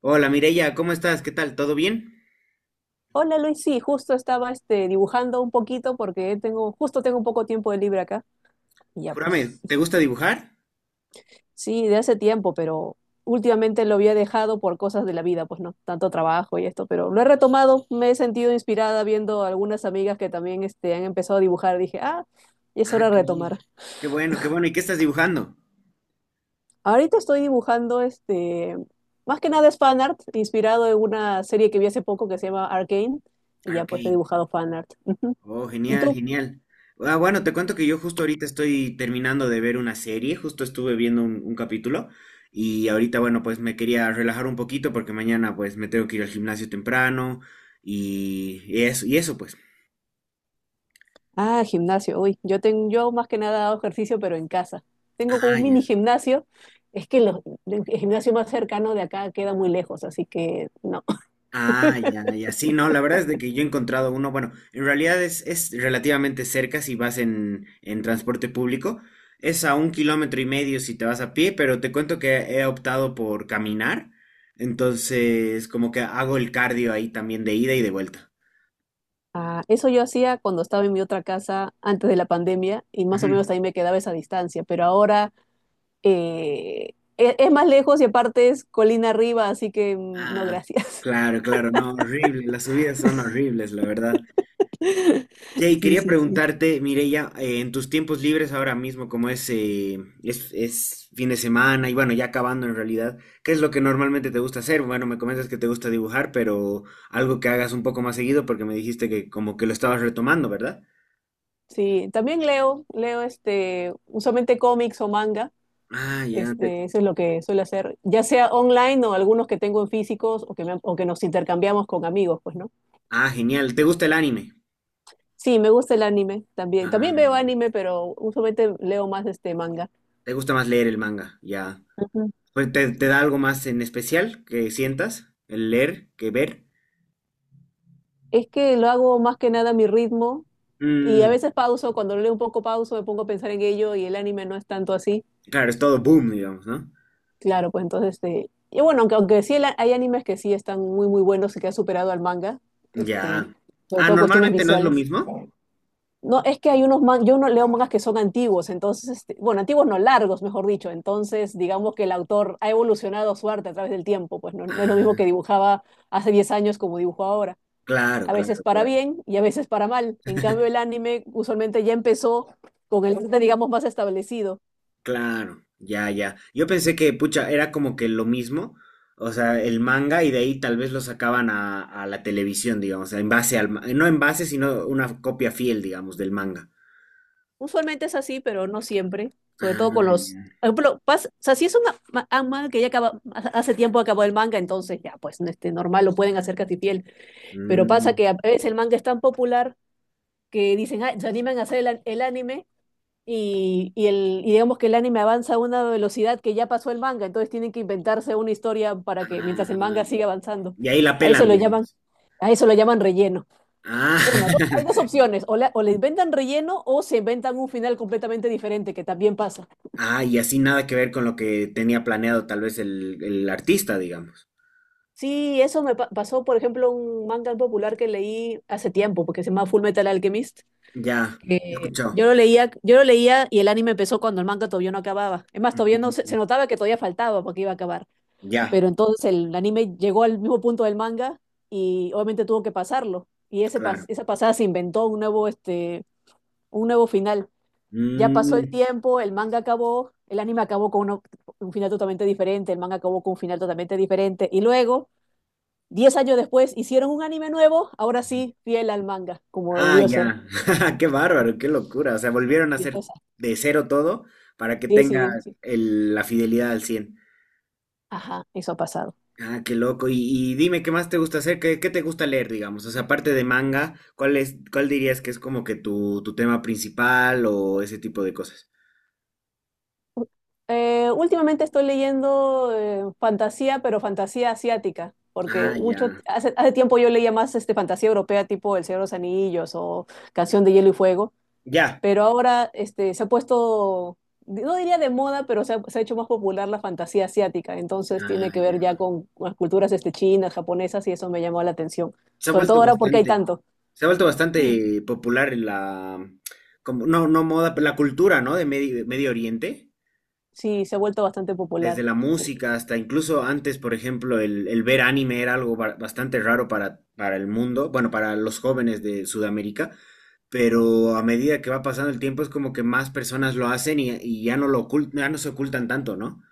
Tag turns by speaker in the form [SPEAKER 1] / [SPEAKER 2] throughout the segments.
[SPEAKER 1] Hola Mireya, ¿cómo estás? ¿Qué tal? ¿Todo bien?
[SPEAKER 2] Hola Luis, sí, justo estaba dibujando un poquito porque justo tengo un poco tiempo de libre acá y ya pues.
[SPEAKER 1] Júrame, ¿te gusta dibujar?
[SPEAKER 2] Sí, de hace tiempo, pero últimamente lo había dejado por cosas de la vida, pues no, tanto trabajo y esto, pero lo he retomado, me he sentido inspirada viendo algunas amigas que también han empezado a dibujar, dije, ah, y es hora
[SPEAKER 1] Ah,
[SPEAKER 2] de
[SPEAKER 1] qué
[SPEAKER 2] retomar.
[SPEAKER 1] bien. Qué bueno, qué bueno. ¿Y qué estás dibujando?
[SPEAKER 2] Ahorita estoy dibujando más que nada es fanart, inspirado en una serie que vi hace poco que se llama Arcane y ya pues he
[SPEAKER 1] Arcane.
[SPEAKER 2] dibujado fanart. Ujú.
[SPEAKER 1] Oh,
[SPEAKER 2] ¿Y
[SPEAKER 1] genial,
[SPEAKER 2] tú?
[SPEAKER 1] genial. Ah, bueno, te cuento que yo justo ahorita estoy terminando de ver una serie, justo estuve viendo un capítulo y ahorita, bueno, pues me quería relajar un poquito porque mañana pues me tengo que ir al gimnasio temprano y eso, y eso pues.
[SPEAKER 2] Ah, gimnasio. Uy, yo más que nada hago ejercicio, pero en casa. Tengo como
[SPEAKER 1] Ah,
[SPEAKER 2] un
[SPEAKER 1] ya.
[SPEAKER 2] mini gimnasio. Es que el gimnasio más cercano de acá queda muy lejos, así que no.
[SPEAKER 1] Ah, ya, ya. Sí, no, la verdad es de que yo he encontrado uno, bueno, en realidad es relativamente cerca si vas en transporte público. Es a un kilómetro y medio si te vas a pie, pero te cuento que he optado por caminar. Entonces, como que hago el cardio ahí también de ida y de vuelta.
[SPEAKER 2] Ah, eso yo hacía cuando estaba en mi otra casa antes de la pandemia y más o menos
[SPEAKER 1] Ujú.
[SPEAKER 2] ahí me quedaba esa distancia, pero ahora es más lejos y aparte es colina arriba, así que mm, no,
[SPEAKER 1] Ah,
[SPEAKER 2] gracias.
[SPEAKER 1] claro, claro, no, horrible. Las subidas son horribles, la verdad. Jay,
[SPEAKER 2] Sí,
[SPEAKER 1] quería
[SPEAKER 2] sí, sí.
[SPEAKER 1] preguntarte, Mireya, en tus tiempos libres ahora mismo, como es fin de semana y bueno, ya acabando en realidad, ¿qué es lo que normalmente te gusta hacer? Bueno, me comentas que te gusta dibujar, pero algo que hagas un poco más seguido porque me dijiste que como que lo estabas retomando, ¿verdad?
[SPEAKER 2] Sí, también leo usualmente cómics o manga.
[SPEAKER 1] Ah, ya,
[SPEAKER 2] Eso es lo que suelo hacer, ya sea online o algunos que tengo en físicos o que nos intercambiamos con amigos, pues, ¿no?
[SPEAKER 1] ah, genial. ¿Te gusta el anime?
[SPEAKER 2] Sí, me gusta el anime también.
[SPEAKER 1] Ah,
[SPEAKER 2] También veo
[SPEAKER 1] ya.
[SPEAKER 2] anime, pero usualmente leo más este manga.
[SPEAKER 1] ¿Te gusta más leer el manga? Ya.
[SPEAKER 2] Ujú.
[SPEAKER 1] Pues, ¿te, te da algo más en especial que sientas el leer que ver?
[SPEAKER 2] Es que lo hago más que nada a mi ritmo y a
[SPEAKER 1] Mm,
[SPEAKER 2] veces pauso, cuando leo un poco pauso, me pongo a pensar en ello y el anime no es tanto así.
[SPEAKER 1] claro, es todo boom, digamos, ¿no?
[SPEAKER 2] Claro, pues entonces, y bueno, aunque sí hay animes que sí están muy, muy buenos y que han superado al manga, este,
[SPEAKER 1] Ya.
[SPEAKER 2] sobre
[SPEAKER 1] Ah,
[SPEAKER 2] todo cuestiones
[SPEAKER 1] normalmente no es lo
[SPEAKER 2] visuales.
[SPEAKER 1] mismo.
[SPEAKER 2] No, es que hay unos mangas, yo no leo mangas que son antiguos, entonces, bueno, antiguos no, largos, mejor dicho. Entonces, digamos que el autor ha evolucionado su arte a través del tiempo, pues no, no es lo mismo que
[SPEAKER 1] Ah,
[SPEAKER 2] dibujaba hace 10 años como dibujo ahora.
[SPEAKER 1] claro,
[SPEAKER 2] A veces
[SPEAKER 1] claro,
[SPEAKER 2] para
[SPEAKER 1] claro.
[SPEAKER 2] bien y a veces para mal. En cambio, el anime usualmente ya empezó con el arte, digamos, más establecido.
[SPEAKER 1] Claro, ya, ya. Yo pensé que, pucha, era como que lo mismo, o sea, el manga y de ahí tal vez lo sacaban a la televisión, digamos, en base al, no en base, sino una copia fiel, digamos, del manga.
[SPEAKER 2] Usualmente es así, pero no siempre, sobre
[SPEAKER 1] Ah,
[SPEAKER 2] todo con los.
[SPEAKER 1] ya.
[SPEAKER 2] Por ejemplo, o sea, si es un manga que ya acaba, hace tiempo acabó el manga, entonces ya, pues, normal, lo pueden hacer casi fiel. Pero pasa
[SPEAKER 1] Mm,
[SPEAKER 2] que a veces el manga es tan popular que dicen, ah, se animan a hacer el anime y digamos que el anime avanza a una velocidad que ya pasó el manga, entonces tienen que inventarse una historia para que mientras el
[SPEAKER 1] ah,
[SPEAKER 2] manga siga avanzando.
[SPEAKER 1] y ahí la
[SPEAKER 2] A eso
[SPEAKER 1] pelan,
[SPEAKER 2] lo llaman,
[SPEAKER 1] digamos.
[SPEAKER 2] a eso lo llaman relleno.
[SPEAKER 1] Ah,
[SPEAKER 2] Bueno, hay dos opciones, o le inventan relleno o se inventan un final completamente diferente, que también pasa.
[SPEAKER 1] ah, y así nada que ver con lo que tenía planeado tal vez el artista, digamos.
[SPEAKER 2] Sí, eso me pasó, por ejemplo, un manga popular que leí hace tiempo, porque se llama Full Metal Alchemist
[SPEAKER 1] Ya,
[SPEAKER 2] que yo
[SPEAKER 1] escuchado.
[SPEAKER 2] lo leía, yo lo leía y el anime empezó cuando el manga todavía no acababa. Es más, todavía no se,
[SPEAKER 1] Mm,
[SPEAKER 2] se notaba que todavía faltaba porque iba a acabar.
[SPEAKER 1] ya,
[SPEAKER 2] Pero entonces el anime llegó al mismo punto del manga y obviamente tuvo que pasarlo. Y ese pas-
[SPEAKER 1] claro.
[SPEAKER 2] esa pasada se inventó un nuevo final. Ya pasó el
[SPEAKER 1] Mm,
[SPEAKER 2] tiempo, el manga acabó, el anime acabó con un final totalmente diferente, el manga acabó con un final totalmente diferente. Y luego, 10 años después, hicieron un anime nuevo, ahora sí, fiel al manga, como
[SPEAKER 1] ah,
[SPEAKER 2] debió ser.
[SPEAKER 1] ya. Qué bárbaro, qué locura. O sea, volvieron a
[SPEAKER 2] Y
[SPEAKER 1] hacer
[SPEAKER 2] entonces,
[SPEAKER 1] de cero todo para que
[SPEAKER 2] sí,
[SPEAKER 1] tenga
[SPEAKER 2] sí, sí.
[SPEAKER 1] la fidelidad al 100.
[SPEAKER 2] Ajá, eso ha pasado.
[SPEAKER 1] Ah, qué loco. Y dime, ¿qué más te gusta hacer? ¿Qué, qué te gusta leer, digamos? O sea, aparte de manga, ¿cuál es, cuál dirías que es como que tu tema principal o ese tipo de cosas?
[SPEAKER 2] Últimamente estoy leyendo fantasía, pero fantasía asiática, porque
[SPEAKER 1] Ah, ya.
[SPEAKER 2] hace tiempo yo leía más fantasía europea tipo El Señor de los Anillos o Canción de Hielo y Fuego,
[SPEAKER 1] Ya.
[SPEAKER 2] pero ahora se ha puesto, no diría de moda, pero se ha hecho más popular la fantasía asiática, entonces tiene
[SPEAKER 1] Ah,
[SPEAKER 2] que ver
[SPEAKER 1] ya.
[SPEAKER 2] ya con las culturas chinas, japonesas, y eso me llamó la atención,
[SPEAKER 1] Se ha
[SPEAKER 2] sobre todo
[SPEAKER 1] vuelto
[SPEAKER 2] ahora porque hay
[SPEAKER 1] bastante,
[SPEAKER 2] tanto.
[SPEAKER 1] se ha vuelto
[SPEAKER 2] Sí.
[SPEAKER 1] bastante popular en la, como, no, no moda, pero la cultura, ¿no? De Medio, Medio Oriente,
[SPEAKER 2] Sí, se ha vuelto bastante
[SPEAKER 1] desde
[SPEAKER 2] popular.
[SPEAKER 1] la
[SPEAKER 2] Eh,
[SPEAKER 1] música hasta incluso antes, por ejemplo, el ver anime era algo bastante raro para el mundo, bueno, para los jóvenes de Sudamérica, pero a medida que va pasando el tiempo es como que más personas lo hacen y ya no lo ya no se ocultan tanto, ¿no?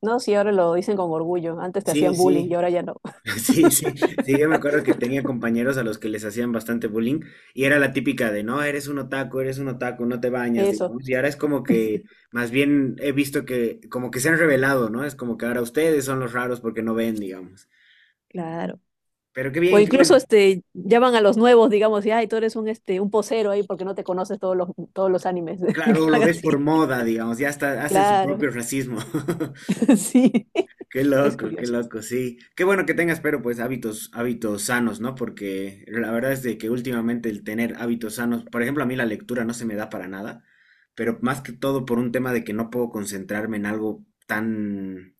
[SPEAKER 2] No, sí, ahora lo dicen con orgullo. Antes te
[SPEAKER 1] Sí,
[SPEAKER 2] hacían bullying y
[SPEAKER 1] sí.
[SPEAKER 2] ahora ya no.
[SPEAKER 1] Sí, sí, sí, yo me acuerdo que tenía compañeros a los que les hacían bastante bullying y era la típica de, no, eres un otaku, no te bañas,
[SPEAKER 2] Eso,
[SPEAKER 1] digamos, y ahora es como que, más bien he visto que, como que se han revelado, ¿no? Es como que ahora ustedes son los raros porque no ven, digamos.
[SPEAKER 2] claro.
[SPEAKER 1] Pero qué
[SPEAKER 2] O
[SPEAKER 1] bien, qué
[SPEAKER 2] incluso
[SPEAKER 1] bueno.
[SPEAKER 2] llaman a los nuevos, digamos, y ay, tú eres un posero ahí porque no te conoces todos los animes que
[SPEAKER 1] Claro, lo
[SPEAKER 2] están
[SPEAKER 1] ves por
[SPEAKER 2] así.
[SPEAKER 1] moda, digamos, ya hasta hacen su
[SPEAKER 2] Claro,
[SPEAKER 1] propio racismo.
[SPEAKER 2] sí. Es
[SPEAKER 1] Qué
[SPEAKER 2] curioso.
[SPEAKER 1] loco, sí. Qué bueno que tengas, pero pues hábitos, hábitos sanos, ¿no? Porque la verdad es de que últimamente el tener hábitos sanos, por ejemplo, a mí la lectura no se me da para nada, pero más que todo por un tema de que no puedo concentrarme en algo tan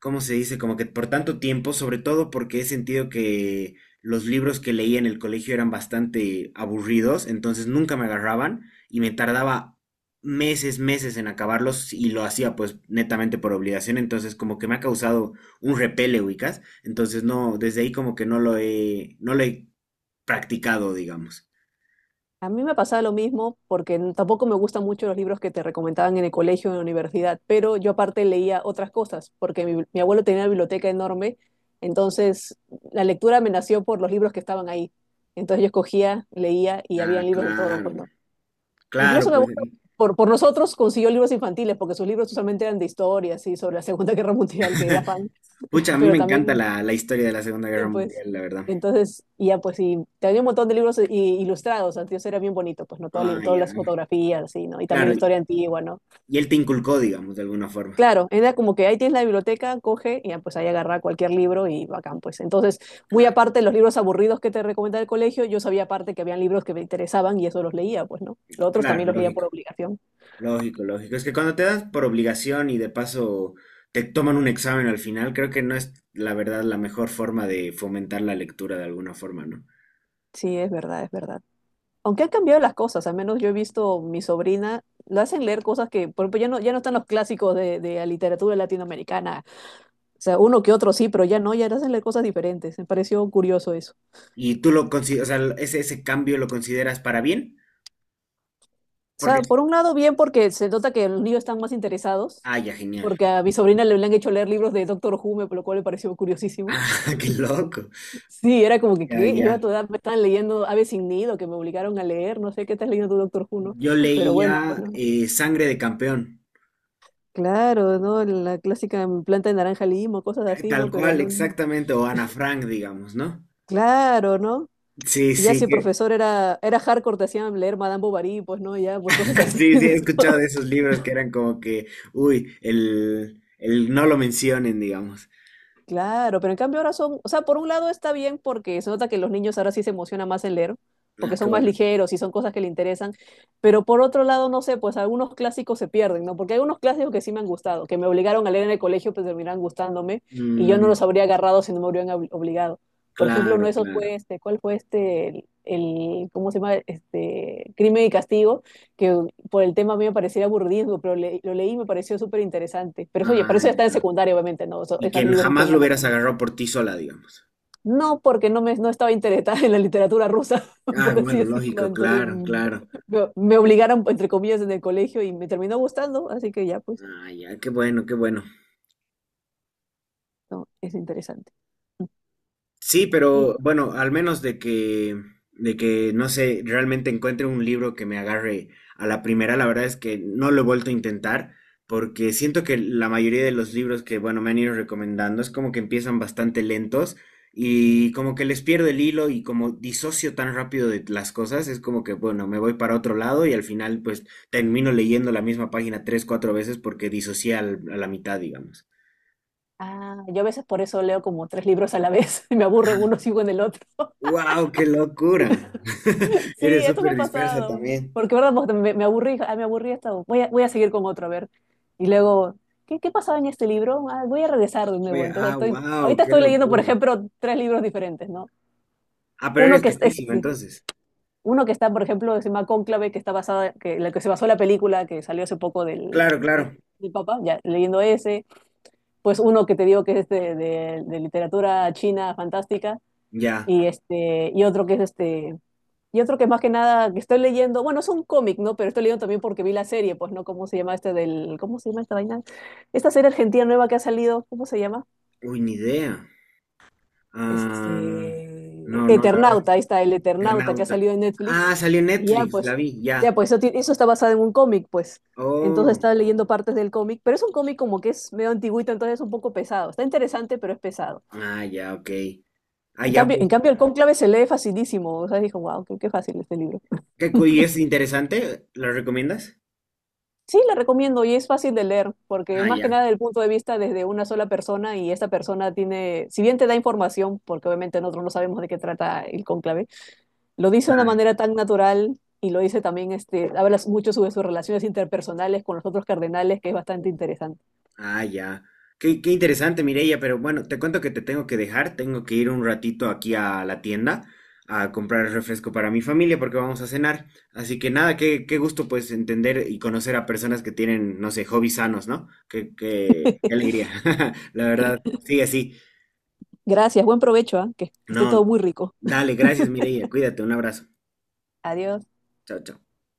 [SPEAKER 1] ¿cómo se dice? Como que por tanto tiempo, sobre todo porque he sentido que los libros que leía en el colegio eran bastante aburridos, entonces nunca me agarraban y me tardaba meses, meses en acabarlos y lo hacía pues netamente por obligación, entonces como que me ha causado un repele, ubicas, entonces no, desde ahí como que no lo he, no lo he practicado, digamos.
[SPEAKER 2] A mí me pasaba lo mismo porque tampoco me gustan mucho los libros que te recomendaban en el colegio o en la universidad, pero yo aparte leía otras cosas porque mi abuelo tenía una biblioteca enorme, entonces la lectura me nació por los libros que estaban ahí. Entonces yo escogía, leía y había
[SPEAKER 1] Ah,
[SPEAKER 2] libros de todo, pues
[SPEAKER 1] claro,
[SPEAKER 2] no.
[SPEAKER 1] claro,
[SPEAKER 2] Incluso mi
[SPEAKER 1] bueno,
[SPEAKER 2] abuelo
[SPEAKER 1] pues.
[SPEAKER 2] por nosotros consiguió libros infantiles porque sus libros usualmente eran de historia, así, sobre la Segunda Guerra Mundial, que era fan,
[SPEAKER 1] Pucha, a mí
[SPEAKER 2] pero
[SPEAKER 1] me encanta
[SPEAKER 2] también
[SPEAKER 1] la, la historia de la Segunda
[SPEAKER 2] sí,
[SPEAKER 1] Guerra
[SPEAKER 2] pues.
[SPEAKER 1] Mundial, la verdad.
[SPEAKER 2] Entonces, y ya pues, y tenía un montón de libros ilustrados, entonces era bien bonito, pues, ¿no? Todo li-
[SPEAKER 1] Ah,
[SPEAKER 2] todas
[SPEAKER 1] ya,
[SPEAKER 2] las fotografías, así, ¿no? Y también la
[SPEAKER 1] claro.
[SPEAKER 2] historia antigua, ¿no?
[SPEAKER 1] Y él te inculcó, digamos, de alguna forma.
[SPEAKER 2] Claro, era como que ahí tienes la biblioteca, coge y ya pues ahí agarra cualquier libro y bacán, pues. Entonces, muy
[SPEAKER 1] Claro,
[SPEAKER 2] aparte de los libros aburridos que te recomendaba el colegio, yo sabía aparte que habían libros que me interesaban y eso los leía, pues, ¿no? Los otros
[SPEAKER 1] claro,
[SPEAKER 2] también los leía por
[SPEAKER 1] lógico,
[SPEAKER 2] obligación.
[SPEAKER 1] lógico, lógico. Es que cuando te das por obligación y de paso te toman un examen al final, creo que no es la verdad la mejor forma de fomentar la lectura de alguna forma, ¿no?
[SPEAKER 2] Sí, es verdad, es verdad. Aunque han cambiado las cosas, al menos yo he visto mi sobrina, la hacen leer cosas que, por ejemplo, ya no, ya no están los clásicos de la literatura latinoamericana. O sea, uno que otro sí, pero ya no, ya hacen cosas diferentes. Me pareció curioso eso.
[SPEAKER 1] Y tú lo consideras, o sea, ese cambio lo consideras para bien,
[SPEAKER 2] O sea,
[SPEAKER 1] porque,
[SPEAKER 2] por un lado bien porque se nota que los niños están más interesados,
[SPEAKER 1] ah, ya, genial.
[SPEAKER 2] porque a mi sobrina le habían hecho leer libros de Doctor Who, por lo cual me pareció curiosísimo.
[SPEAKER 1] Ah, qué loco.
[SPEAKER 2] Sí, era como que,
[SPEAKER 1] Ya,
[SPEAKER 2] ¿qué? Yo a tu
[SPEAKER 1] ya.
[SPEAKER 2] edad me estaban leyendo Aves sin Nido, que me obligaron a leer, no sé qué estás leyendo tu Doctor Who, ¿no?
[SPEAKER 1] Yo
[SPEAKER 2] Pero bueno,
[SPEAKER 1] leía
[SPEAKER 2] bueno,
[SPEAKER 1] Sangre de Campeón,
[SPEAKER 2] claro, ¿no? La clásica planta de naranja limo, cosas así,
[SPEAKER 1] tal
[SPEAKER 2] ¿no? Pero
[SPEAKER 1] cual,
[SPEAKER 2] no,
[SPEAKER 1] exactamente, o Ana Frank, digamos, ¿no?
[SPEAKER 2] claro, ¿no?
[SPEAKER 1] Sí,
[SPEAKER 2] Y ya
[SPEAKER 1] sí,
[SPEAKER 2] si el
[SPEAKER 1] que,
[SPEAKER 2] profesor era hardcore, te hacían leer Madame Bovary, pues, ¿no? Ya, pues cosas así,
[SPEAKER 1] sí, sí, he
[SPEAKER 2] ¿no?
[SPEAKER 1] escuchado de esos libros que eran como que, uy, el no lo mencionen, digamos.
[SPEAKER 2] Claro, pero en cambio ahora son, o sea, por un lado está bien porque se nota que los niños ahora sí se emocionan más en leer,
[SPEAKER 1] Ah,
[SPEAKER 2] porque
[SPEAKER 1] qué
[SPEAKER 2] son más
[SPEAKER 1] bueno.
[SPEAKER 2] ligeros y son cosas que le interesan, pero por otro lado, no sé, pues algunos clásicos se pierden, ¿no? Porque hay unos clásicos que sí me han gustado, que me obligaron a leer en el colegio, pues terminaron gustándome y yo no los
[SPEAKER 1] Mm,
[SPEAKER 2] habría agarrado si no me hubieran obligado. Por ejemplo, uno de
[SPEAKER 1] claro,
[SPEAKER 2] esos
[SPEAKER 1] claro.
[SPEAKER 2] fue ¿cuál fue ¿cómo se llama? Crimen y Castigo, que por el tema a mí me parecía aburrido pero lo leí y me pareció súper interesante. Pero eso, oye, para
[SPEAKER 1] Ah,
[SPEAKER 2] eso ya está en
[SPEAKER 1] ya.
[SPEAKER 2] secundaria, obviamente, ¿no? Eso,
[SPEAKER 1] Y
[SPEAKER 2] esas
[SPEAKER 1] que
[SPEAKER 2] libros no te
[SPEAKER 1] jamás lo
[SPEAKER 2] mandan a
[SPEAKER 1] hubieras
[SPEAKER 2] leer.
[SPEAKER 1] agarrado por ti sola, digamos.
[SPEAKER 2] No, porque no, no estaba interesada en la literatura rusa,
[SPEAKER 1] Ah,
[SPEAKER 2] por así
[SPEAKER 1] bueno,
[SPEAKER 2] decirlo.
[SPEAKER 1] lógico,
[SPEAKER 2] Entonces
[SPEAKER 1] claro, claro.
[SPEAKER 2] me obligaron, entre comillas, en el colegio y me terminó gustando, así que ya, pues,
[SPEAKER 1] Ah, ya, qué bueno, qué bueno.
[SPEAKER 2] no, es interesante.
[SPEAKER 1] Sí,
[SPEAKER 2] Y-
[SPEAKER 1] pero bueno, al menos de que, no sé, realmente encuentre un libro que me agarre a la primera, la verdad es que no lo he vuelto a intentar, porque siento que la mayoría de los libros que, bueno, me han ido recomendando es como que empiezan bastante lentos y como que les pierdo el hilo y como disocio tan rápido de las cosas, es como que, bueno, me voy para otro lado y al final pues termino leyendo la misma página tres, cuatro veces porque disocié a la mitad, digamos.
[SPEAKER 2] ah, yo a veces por eso leo como tres libros a la vez, me aburre uno, sigo en el otro.
[SPEAKER 1] Wow, qué locura.
[SPEAKER 2] Sí,
[SPEAKER 1] Eres sí,
[SPEAKER 2] esto me
[SPEAKER 1] súper
[SPEAKER 2] ha
[SPEAKER 1] dispersa
[SPEAKER 2] pasado.
[SPEAKER 1] también.
[SPEAKER 2] Porque, ¿verdad? Pues, me aburrí, ah, me aburrí hasta. Voy a seguir con otro, a ver. Y luego, ¿qué pasaba en este libro? Ah, voy a regresar de nuevo.
[SPEAKER 1] Oye,
[SPEAKER 2] Entonces,
[SPEAKER 1] ah, wow,
[SPEAKER 2] ahorita
[SPEAKER 1] qué
[SPEAKER 2] estoy leyendo, por
[SPEAKER 1] locura.
[SPEAKER 2] ejemplo, tres libros diferentes, ¿no?
[SPEAKER 1] Ah, pero
[SPEAKER 2] Uno
[SPEAKER 1] eres
[SPEAKER 2] que es, es-
[SPEAKER 1] capísima entonces.
[SPEAKER 2] uno que está, por ejemplo, se llama Cónclave, que está basada, en la que se basó la película que salió hace poco del,
[SPEAKER 1] Claro,
[SPEAKER 2] el-
[SPEAKER 1] claro.
[SPEAKER 2] del Papa, ya leyendo ese. Pues uno que te digo que es de literatura china fantástica.
[SPEAKER 1] Ya.
[SPEAKER 2] Y otro que es este. Y otro que más que nada que estoy leyendo, bueno, es un cómic, ¿no? Pero estoy leyendo también porque vi la serie, pues, ¿no? ¿Cómo se llama este del, ¿cómo se llama esta vaina? Esta serie argentina nueva que ha salido, ¿cómo se llama?
[SPEAKER 1] Uy, ni idea. Ah, no, no, la verdad es
[SPEAKER 2] Eternauta, ahí
[SPEAKER 1] que
[SPEAKER 2] está, el Eternauta que ha
[SPEAKER 1] Eternauta.
[SPEAKER 2] salido en Netflix.
[SPEAKER 1] Ah, salió en
[SPEAKER 2] Y ya,
[SPEAKER 1] Netflix, la
[SPEAKER 2] pues,
[SPEAKER 1] vi, ya.
[SPEAKER 2] ya, pues, eso, eso está basado en un cómic, pues. Entonces
[SPEAKER 1] Oh,
[SPEAKER 2] estaba leyendo partes del cómic, pero es un cómic como que es medio antiguito, entonces es un poco pesado. Está interesante, pero es pesado.
[SPEAKER 1] ah, ya, ok. Ah,
[SPEAKER 2] En
[SPEAKER 1] ya,
[SPEAKER 2] cambio, en
[SPEAKER 1] pues,
[SPEAKER 2] cambio el Cónclave se lee facilísimo, o sea, dijo, wow, qué, fácil este libro.
[SPEAKER 1] ¿qué y es interesante? ¿Lo recomiendas?
[SPEAKER 2] Sí, la recomiendo y es fácil de leer porque es
[SPEAKER 1] Ah,
[SPEAKER 2] más
[SPEAKER 1] ya,
[SPEAKER 2] que nada del punto de vista desde una sola persona y esa persona tiene, si bien te da información, porque obviamente nosotros no sabemos de qué trata el cónclave, lo dice de una
[SPEAKER 1] claro.
[SPEAKER 2] manera tan natural y lo dice también, habla mucho sobre sus relaciones interpersonales con los otros cardenales, que es bastante interesante.
[SPEAKER 1] Ah, ya. Qué, qué interesante, Mireia, pero bueno, te cuento que te tengo que dejar, tengo que ir un ratito aquí a la tienda a comprar refresco para mi familia porque vamos a cenar. Así que nada, qué, qué gusto pues entender y conocer a personas que tienen, no sé, hobbies sanos, ¿no? Qué, qué, qué alegría. La verdad, sigue así.
[SPEAKER 2] Gracias, buen provecho, ¿ah? Que esté todo
[SPEAKER 1] No,
[SPEAKER 2] muy rico.
[SPEAKER 1] dale, gracias, Mireia, cuídate, un abrazo.
[SPEAKER 2] Adiós.
[SPEAKER 1] Chao, chao.